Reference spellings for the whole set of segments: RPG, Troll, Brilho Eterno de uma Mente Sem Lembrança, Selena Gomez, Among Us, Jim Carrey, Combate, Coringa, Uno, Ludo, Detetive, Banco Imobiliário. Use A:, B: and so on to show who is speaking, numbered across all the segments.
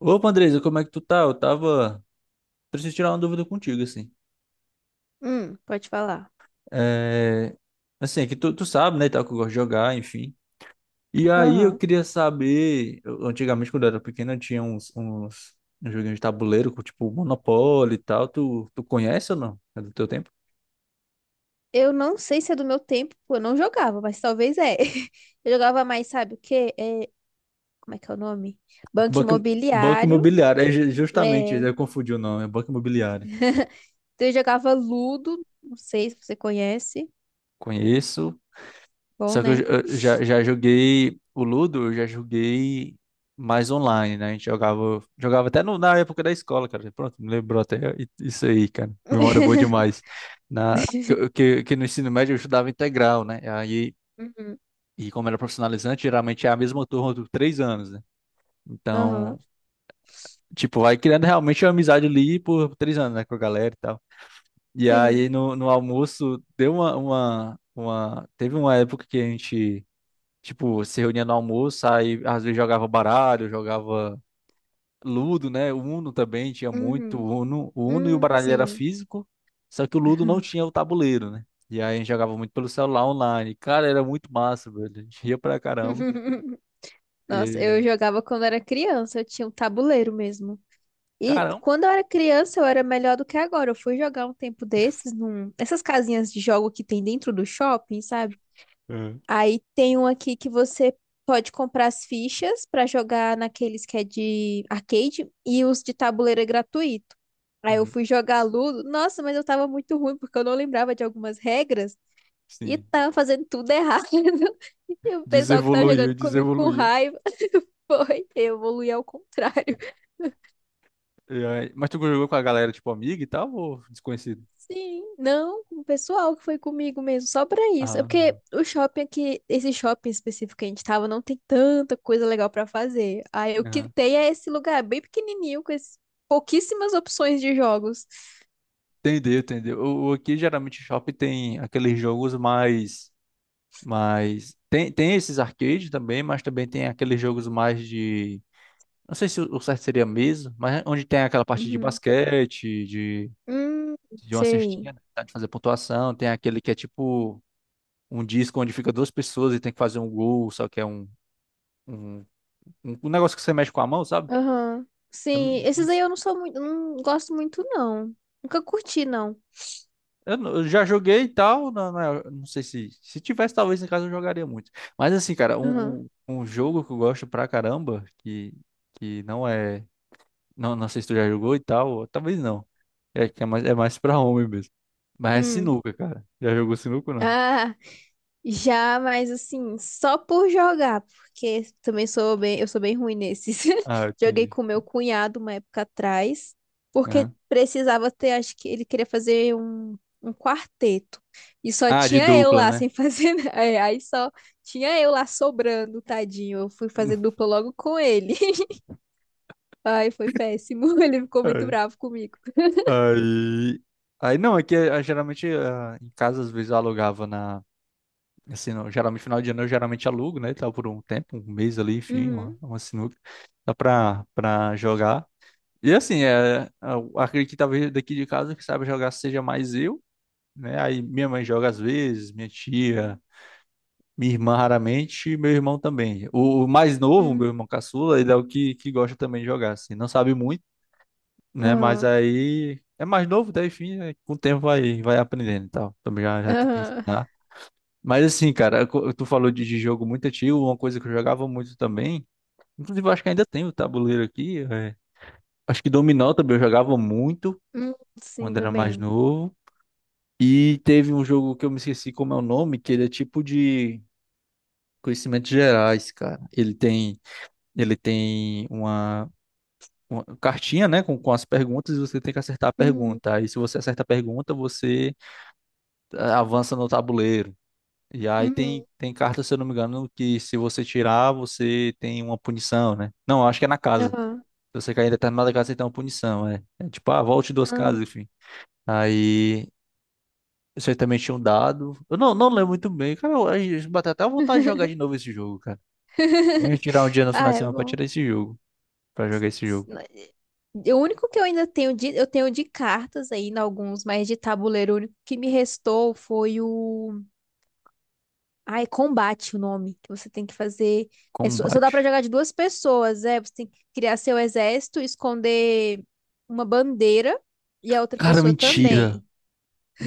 A: Opa, Andresa, como é que tu tá? Eu tava. Preciso tirar uma dúvida contigo, assim.
B: Pode falar.
A: É... Assim, é que tu sabe, né, e tal, que eu gosto de jogar, enfim. E aí eu
B: Aham.
A: queria saber. Antigamente, quando eu era pequeno, eu tinha uns joguinhos de tabuleiro, com, tipo Monopoly e tal. Tu conhece ou não? É do teu tempo?
B: Eu não sei se é do meu tempo, pô, eu não jogava, mas talvez é. Eu jogava mais, sabe o quê? Como é que é o nome? Banco
A: Banco, Banco
B: Imobiliário.
A: Imobiliário. É justamente,
B: É,
A: eu confundi o nome. É Banco Imobiliário.
B: então eu jogava Ludo, não sei se você conhece.
A: Conheço,
B: Bom,
A: só que
B: né?
A: eu já joguei o Ludo, eu já joguei mais online, né? A gente jogava até na época da escola, cara. Pronto, me lembrou até isso aí, cara. Memória boa demais. Que no ensino médio eu estudava integral, né? Aí,
B: Uhum.
A: e como era profissionalizante, geralmente é a mesma turma dos 3 anos, né?
B: Aham.
A: Então, tipo, vai criando realmente uma amizade ali por 3 anos, né? Com a galera e tal. E
B: Sim.
A: aí no almoço deu uma. Teve uma época que a gente. Tipo, se reunia no almoço, aí às vezes jogava baralho, jogava Ludo, né? Uno também tinha muito
B: Uhum.
A: Uno. O Uno e o
B: Hum.
A: baralho era
B: Sim.
A: físico, só que o Ludo não tinha o tabuleiro, né? E aí a gente jogava muito pelo celular online. Cara, era muito massa, velho. A gente ria pra caramba.
B: Nossa, eu
A: E...
B: jogava quando era criança, eu tinha um tabuleiro mesmo. E
A: Caramba!
B: quando eu era criança, eu era melhor do que agora. Eu fui jogar um tempo desses nessas casinhas de jogo que tem dentro do shopping, sabe?
A: É.
B: Aí tem um aqui que você pode comprar as fichas pra jogar naqueles que é de arcade e os de tabuleiro é gratuito. Aí eu
A: Uhum.
B: fui jogar Ludo. Nossa, mas eu tava muito ruim porque eu não lembrava de algumas regras e
A: Sim.
B: tava fazendo tudo errado. E o pessoal que tava
A: Desevoluiu,
B: jogando comigo com
A: desevoluiu.
B: raiva foi, eu evoluí ao contrário.
A: Mas tu jogou com a galera, tipo, amiga e tal, ou desconhecido?
B: Sim, não, com o pessoal que foi comigo mesmo, só pra isso. É
A: Ah,
B: porque o shopping aqui, esse shopping específico que a gente tava, não tem tanta coisa legal pra fazer. Aí eu
A: aham.
B: quitei a esse lugar bem pequenininho, com pouquíssimas opções de jogos.
A: Entendeu, entendeu. Aqui geralmente shopping tem aqueles jogos mais. Mas tem esses arcades também, mas também tem aqueles jogos mais de. Não sei se o certo seria mesa, mas onde tem aquela parte de
B: Uhum.
A: basquete, de,
B: Hum,
A: de uma
B: Sei.
A: cestinha, né? Tá, de fazer pontuação. Tem aquele que é tipo um disco onde fica duas pessoas e tem que fazer um gol, só que é um, um negócio que você mexe com a mão, sabe?
B: Aham.
A: Eu,
B: Sim,
A: não-
B: esses aí eu não sou muito, não gosto muito, não. Nunca curti, não.
A: eu não- eu já joguei e tal, não sei se. Se tivesse, talvez em casa eu jogaria muito. Mas assim, cara, um,
B: Aham.
A: um um jogo que eu gosto pra caramba, que, não é. Não sei se tu já jogou e tal, ou talvez não. É que é mais pra homem mesmo. Mas é
B: Hum.
A: sinuca, cara. Já jogou sinuca ou não?
B: Ah, já, mas assim, só por jogar, porque também eu sou bem ruim nesses.
A: Ah,
B: Joguei
A: entendi.
B: com meu cunhado uma época atrás, porque
A: Aham.
B: precisava ter, acho que ele queria fazer um quarteto. E só
A: Ah, de
B: tinha eu
A: dupla,
B: lá
A: né?
B: sem fazer, Aí só tinha eu lá sobrando, tadinho. Eu fui fazer dupla logo com ele. Ai, foi péssimo. Ele ficou muito
A: É.
B: bravo comigo.
A: Aí, aí não, é que geralmente em casa às vezes eu alugava assim, geralmente final de ano eu geralmente alugo, né, e tal, por um tempo, um mês ali, enfim, uma,
B: Uhum.
A: uma sinuca, dá pra jogar. E assim, eu acredito que talvez daqui de casa que sabe jogar seja mais eu, né, aí minha mãe joga às vezes, minha tia, minha irmã raramente, e meu irmão também. O mais novo,
B: Uhum.
A: meu irmão caçula, ele é o que gosta também de jogar, assim. Não sabe muito, né? Mas
B: Aham.
A: aí é mais novo, daí enfim, né, com o tempo vai aprendendo e tal. Também já tentei
B: Aham.
A: ensinar. Mas assim, cara, tu falou de jogo muito antigo, uma coisa que eu jogava muito também. Inclusive, eu acho que ainda tem o tabuleiro aqui. Acho que dominó também eu jogava muito
B: Uhum. Sim,
A: quando era mais
B: também.
A: novo. E teve um jogo que eu me esqueci como é o nome, que ele é tipo de conhecimentos gerais, cara. Ele tem uma cartinha, né, com as perguntas e você tem que acertar a
B: Uhum.
A: pergunta. Aí, se você acerta a pergunta, você avança no tabuleiro. E aí
B: Uhum.
A: tem carta, se eu não me engano, que se você tirar, você tem uma punição, né? Não, acho que é na casa.
B: Aham.
A: Se você cair em determinada casa, você tem uma punição, é. É tipo, volte duas
B: Aham.
A: casas, enfim. Aí você também tinha um dado. Eu não lembro muito bem, cara. Eu bateu até vontade de jogar de novo esse jogo, cara. Tem que tirar um dia no
B: Ah,
A: final de
B: é
A: semana pra
B: bom.
A: tirar esse jogo. Pra jogar esse jogo.
B: O único que eu tenho de cartas ainda alguns, mas de tabuleiro, o único que me restou foi o. Ah, é combate o nome, que você tem que fazer. É, só dá pra
A: Combate.
B: jogar de duas pessoas, é. Você tem que criar seu exército, esconder uma bandeira e a outra
A: Cara,
B: pessoa
A: mentira.
B: também.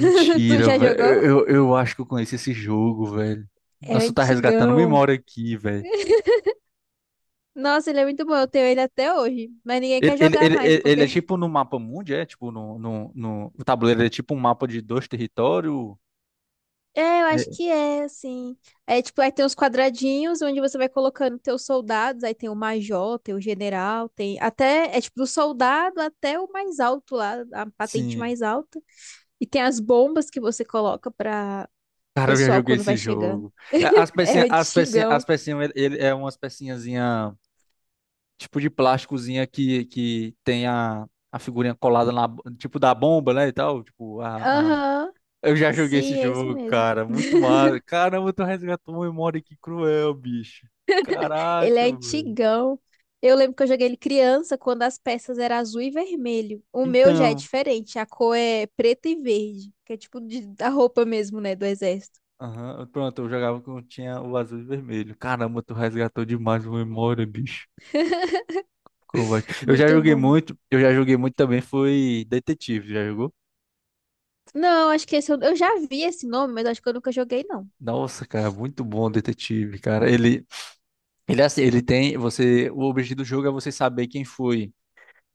B: Tu já
A: velho.
B: jogou?
A: Eu acho que eu conheço esse jogo, velho.
B: É
A: Nossa, tá resgatando
B: antigão.
A: memória aqui, velho.
B: Nossa, ele é muito bom, eu tenho ele até hoje, mas ninguém
A: Ele,
B: quer
A: ele,
B: jogar
A: ele,
B: mais
A: ele ele é
B: porque.
A: tipo no mapa mundi, é? Tipo, no, no, no, o tabuleiro é tipo um mapa de dois territórios.
B: É, eu
A: É,
B: acho que é, assim. É tipo, aí tem os quadradinhos onde você vai colocando teus soldados, aí tem o major, tem o general, tem até, é tipo do soldado até o mais alto lá, a patente
A: sim.
B: mais alta. E tem as bombas que você coloca pra
A: Cara, eu já
B: pessoal
A: joguei
B: quando vai
A: esse
B: chegando.
A: jogo. É, as
B: É
A: pecinhas,
B: antigão.
A: ele, é umas pecinhazinha, tipo de plásticozinha que tem a figurinha colada tipo da bomba, né, e tal. Tipo, a.
B: Aham,
A: Eu já joguei esse
B: sim, é esse
A: jogo,
B: mesmo.
A: cara. Muito mal. Caramba, tu resgatou uma memória que cruel, bicho.
B: Ele é
A: Caraca, velho.
B: antigão. Eu lembro que eu joguei ele criança, quando as peças eram azul e vermelho. O meu já é
A: Então.
B: diferente, a cor é preta e verde, que é tipo da roupa mesmo, né, do exército.
A: Aham, pronto, eu jogava quando tinha o azul e vermelho. Caramba, tu resgatou demais uma memória, bicho. Combate. Eu já
B: Muito
A: joguei
B: bom.
A: muito, eu já joguei muito também, foi Detetive, já jogou?
B: Não, acho que esse eu já vi esse nome, mas acho que eu nunca joguei, não.
A: Nossa, cara, muito bom o Detetive, cara. Ele é assim, ele tem, você, o objetivo do jogo é você saber quem foi.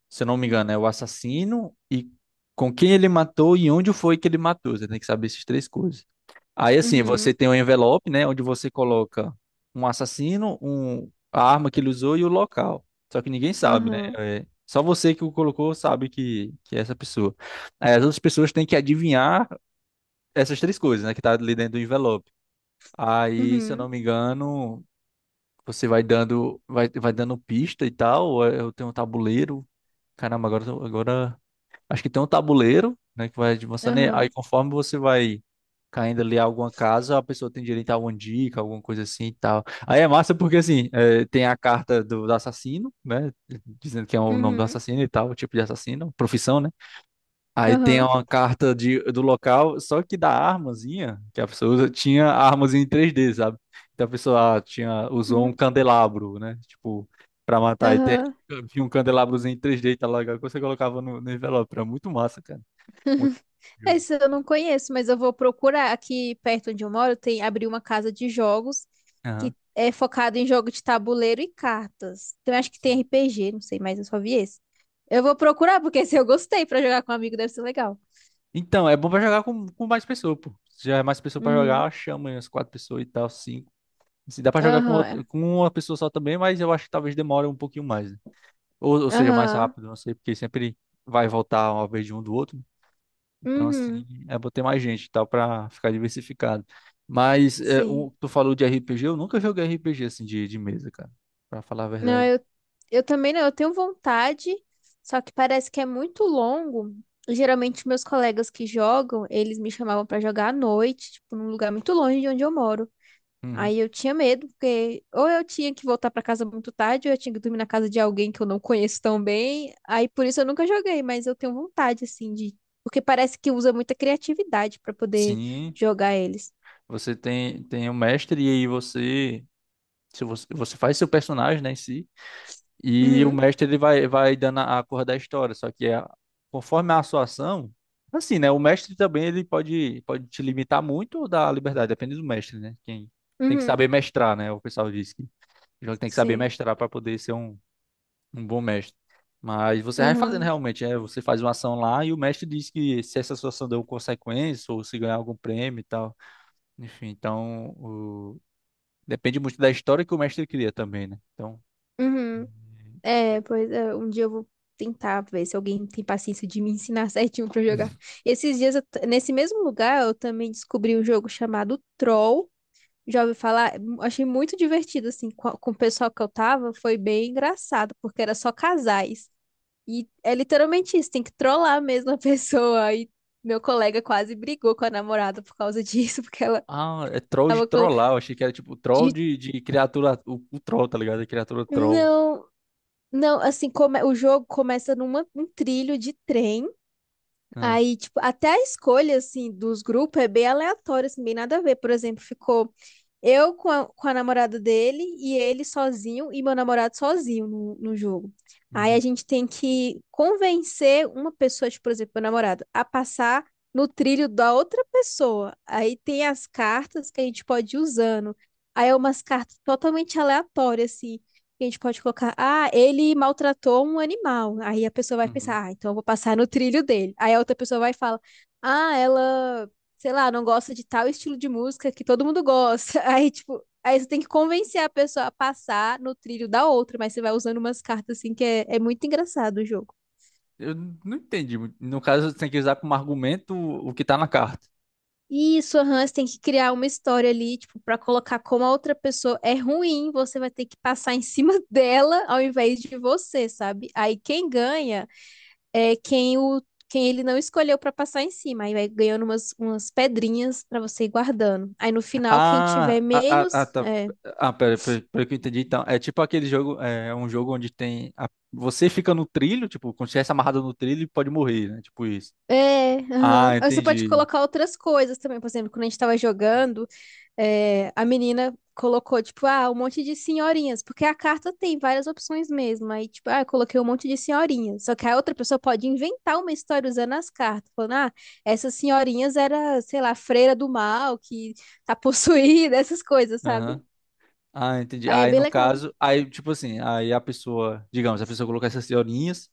A: Se eu não me engano, é o assassino e com quem ele matou e onde foi que ele matou. Você tem que saber essas três coisas. Aí, assim, você
B: Uhum,
A: tem um envelope, né, onde você coloca um assassino, um, a arma que ele usou e o local. Só que ninguém sabe, né?
B: aham,
A: É, só você que o colocou sabe que é essa pessoa. Aí, as outras pessoas têm que adivinhar essas três coisas, né, que tá ali dentro do envelope. Aí, se eu
B: uhum,
A: não me engano, você vai dando, vai dando pista e tal. Eu tenho um tabuleiro. Caramba, agora, agora. Acho que tem um tabuleiro, né, que vai avançando. E aí,
B: aham,
A: conforme você vai caindo ali a alguma casa, a pessoa tem direito a alguma dica, alguma coisa assim e tal. Aí é massa porque, assim, tem a carta do assassino, né, dizendo que é o nome do
B: uhum,
A: assassino e tal, o tipo de assassino, profissão, né? Aí tem
B: aham,
A: uma carta do local, só que da armazinha que a pessoa usa, tinha a armazinha em 3D, sabe? Então a pessoa tinha, usou um
B: uhum,
A: candelabro, né? Tipo, pra matar. E tem,
B: aham.
A: tinha um candelabrozinho em 3D, tá legal, que você colocava no envelope. Era muito massa, cara. Muito jogo.
B: Esse eu não conheço, mas eu vou procurar. Aqui perto onde eu moro, tem abriu uma casa de jogos
A: Aham.
B: que é focada em jogo de tabuleiro e cartas. Então, eu acho que tem RPG, não sei, mas eu só vi esse. Eu vou procurar, porque se eu gostei pra jogar com um amigo, deve ser legal.
A: Então, é bom pra jogar com mais pessoa, pô. Se já é mais pessoa pra jogar,
B: Uhum.
A: chama aí umas quatro pessoas e tal, cinco. Se dá pra jogar
B: Aham. É.
A: com uma pessoa só também, mas eu acho que talvez demore um pouquinho mais. Né? Ou seja, mais
B: Aham.
A: rápido, não sei, porque sempre vai voltar uma vez de um do outro. Então,
B: Uhum.
A: assim, é bom ter mais gente e tal para ficar diversificado. Mas
B: Sim.
A: o que tu falou de RPG, eu nunca joguei RPG assim de mesa, cara, para falar a
B: Não,
A: verdade.
B: eu também não. Eu tenho vontade, só que parece que é muito longo. Geralmente, meus colegas que jogam, eles me chamavam pra jogar à noite, tipo, num lugar muito longe de onde eu moro.
A: Uhum.
B: Aí eu tinha medo, porque ou eu tinha que voltar pra casa muito tarde, ou eu tinha que dormir na casa de alguém que eu não conheço tão bem. Aí por isso eu nunca joguei, mas eu tenho vontade, assim, de. Porque parece que usa muita criatividade pra poder
A: Sim,
B: jogar eles.
A: você tem o mestre e aí você se você, você faz seu personagem, né, em si. E o
B: Uhum,
A: mestre ele vai dando a cor da história, conforme a sua ação, assim, né? O mestre também ele pode te limitar muito ou dar liberdade, depende do mestre, né? Quem tem que
B: uhum.
A: saber mestrar, né? O pessoal diz que o jogo tem que saber
B: Sim.
A: mestrar para poder ser um bom mestre. Mas você vai fazendo
B: Aham.
A: realmente, você faz uma ação lá e o mestre diz que se essa sua ação deu consequência ou se ganhar algum prêmio e tal. Enfim, então depende muito da história que o mestre cria também, né? Então.
B: Uhum. É, pois é, um dia eu vou tentar ver se alguém tem paciência de me ensinar certinho pra jogar. Esses dias, nesse mesmo lugar, eu também descobri um jogo chamado Troll. Já ouvi falar, achei muito divertido, assim, com o pessoal que eu tava, foi bem engraçado, porque era só casais. E é literalmente isso, tem que trollar mesmo a pessoa. E meu colega quase brigou com a namorada por causa disso. Porque ela
A: Ah, é troll de
B: tava com...
A: trollar. Eu achei que era tipo troll
B: de-
A: de criatura. O troll, tá ligado? A criatura troll.
B: Não, não, assim, o jogo começa num trilho de trem.
A: Ah,
B: Aí, tipo, até a escolha, assim, dos grupos é bem aleatória, assim, bem nada a ver. Por exemplo, ficou eu com a namorada dele e ele sozinho e meu namorado sozinho no jogo. Aí a
A: uhum,
B: gente tem que convencer uma pessoa, tipo, por exemplo, meu namorado, a passar no trilho da outra pessoa. Aí tem as cartas que a gente pode ir usando. Aí é umas cartas totalmente aleatórias, assim. A gente pode colocar, ah, ele maltratou um animal. Aí a pessoa vai
A: uhum.
B: pensar, ah, então eu vou passar no trilho dele. Aí a outra pessoa vai e fala, ah, ela, sei lá, não gosta de tal estilo de música que todo mundo gosta. Aí, tipo, aí você tem que convencer a pessoa a passar no trilho da outra, mas você vai usando umas cartas assim que é muito engraçado o jogo.
A: Eu não entendi muito. No caso, você tem que usar como argumento o que tá na carta.
B: Isso, aham, você tem que criar uma história ali, tipo, pra colocar como a outra pessoa é ruim, você vai ter que passar em cima dela ao invés de você, sabe? Aí quem ganha é quem ele não escolheu para passar em cima. Aí vai ganhando umas pedrinhas para você ir guardando. Aí no final, quem
A: Ah,
B: tiver
A: ah, ah, ah,
B: menos,
A: tá.
B: é.
A: Ah, pera, pera, pera que eu entendi. Então, é tipo aquele jogo. É um jogo onde tem. Você fica no trilho, tipo, quando estivesse amarrado no trilho, pode morrer, né? Tipo isso.
B: É,
A: Ah,
B: aham. Aí você pode
A: entendi.
B: colocar outras coisas também. Por exemplo, quando a gente tava jogando, a menina colocou, tipo, ah, um monte de senhorinhas, porque a carta tem várias opções mesmo. Aí, tipo, ah, eu coloquei um monte de senhorinhas. Só que a outra pessoa pode inventar uma história usando as cartas, falando, ah, essas senhorinhas era, sei lá, freira do mal, que tá possuída, essas coisas,
A: Aham.
B: sabe?
A: Ah, entendi.
B: Aí é
A: Aí
B: bem
A: no
B: legal.
A: caso, aí tipo assim, aí a pessoa, digamos, a pessoa colocar essas senhorinhas.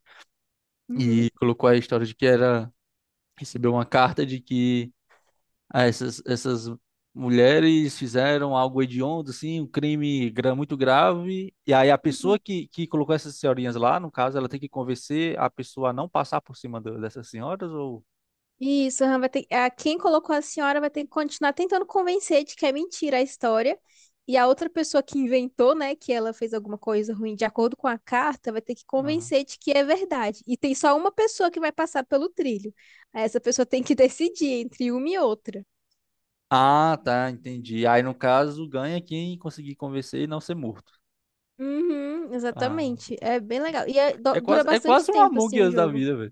A: E
B: Uhum,
A: colocou a história de que era recebeu uma carta de que essas mulheres fizeram algo hediondo, assim, um crime muito grave. E aí a pessoa
B: uhum.
A: que, colocou essas senhorinhas lá, no caso, ela tem que convencer a pessoa a não passar por cima dessas senhoras ou...
B: Isso, aham, quem colocou a senhora vai ter que continuar tentando convencer de que é mentira a história. E a outra pessoa que inventou, né, que ela fez alguma coisa ruim de acordo com a carta, vai ter que
A: Aham.
B: convencer de que é verdade. E tem só uma pessoa que vai passar pelo trilho. Aí essa pessoa tem que decidir entre uma e outra.
A: Ah, tá, entendi. Aí no caso ganha quem conseguir convencer e não ser morto.
B: Uhum,
A: Ah,
B: exatamente. É bem legal. E é-
A: é
B: do- dura
A: quase, é
B: bastante
A: quase um
B: tempo,
A: Among
B: assim, o
A: Us da
B: jogo.
A: vida.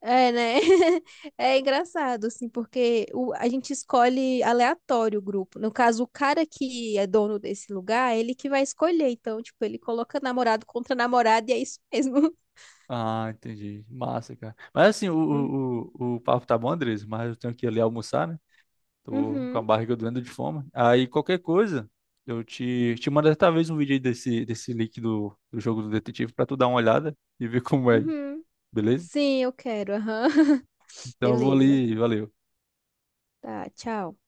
B: É, né? É engraçado, assim, porque a gente escolhe aleatório o grupo. No caso, o cara que é dono desse lugar, ele que vai escolher. Então, tipo, ele coloca namorado contra namorada e é isso mesmo.
A: Ah, entendi. Massa, cara. Mas assim, o,
B: Hum.
A: o, o o papo tá bom, Andres, mas eu tenho que ir ali almoçar, né? Tô com a
B: Uhum,
A: barriga doendo de fome. Aí qualquer coisa, eu te mando talvez um vídeo aí desse, link do jogo do detetive pra tu dar uma olhada e ver como é,
B: uhum.
A: beleza?
B: Sim, eu quero. Aham.
A: Então eu vou
B: Beleza.
A: ali, valeu.
B: Tá, tchau.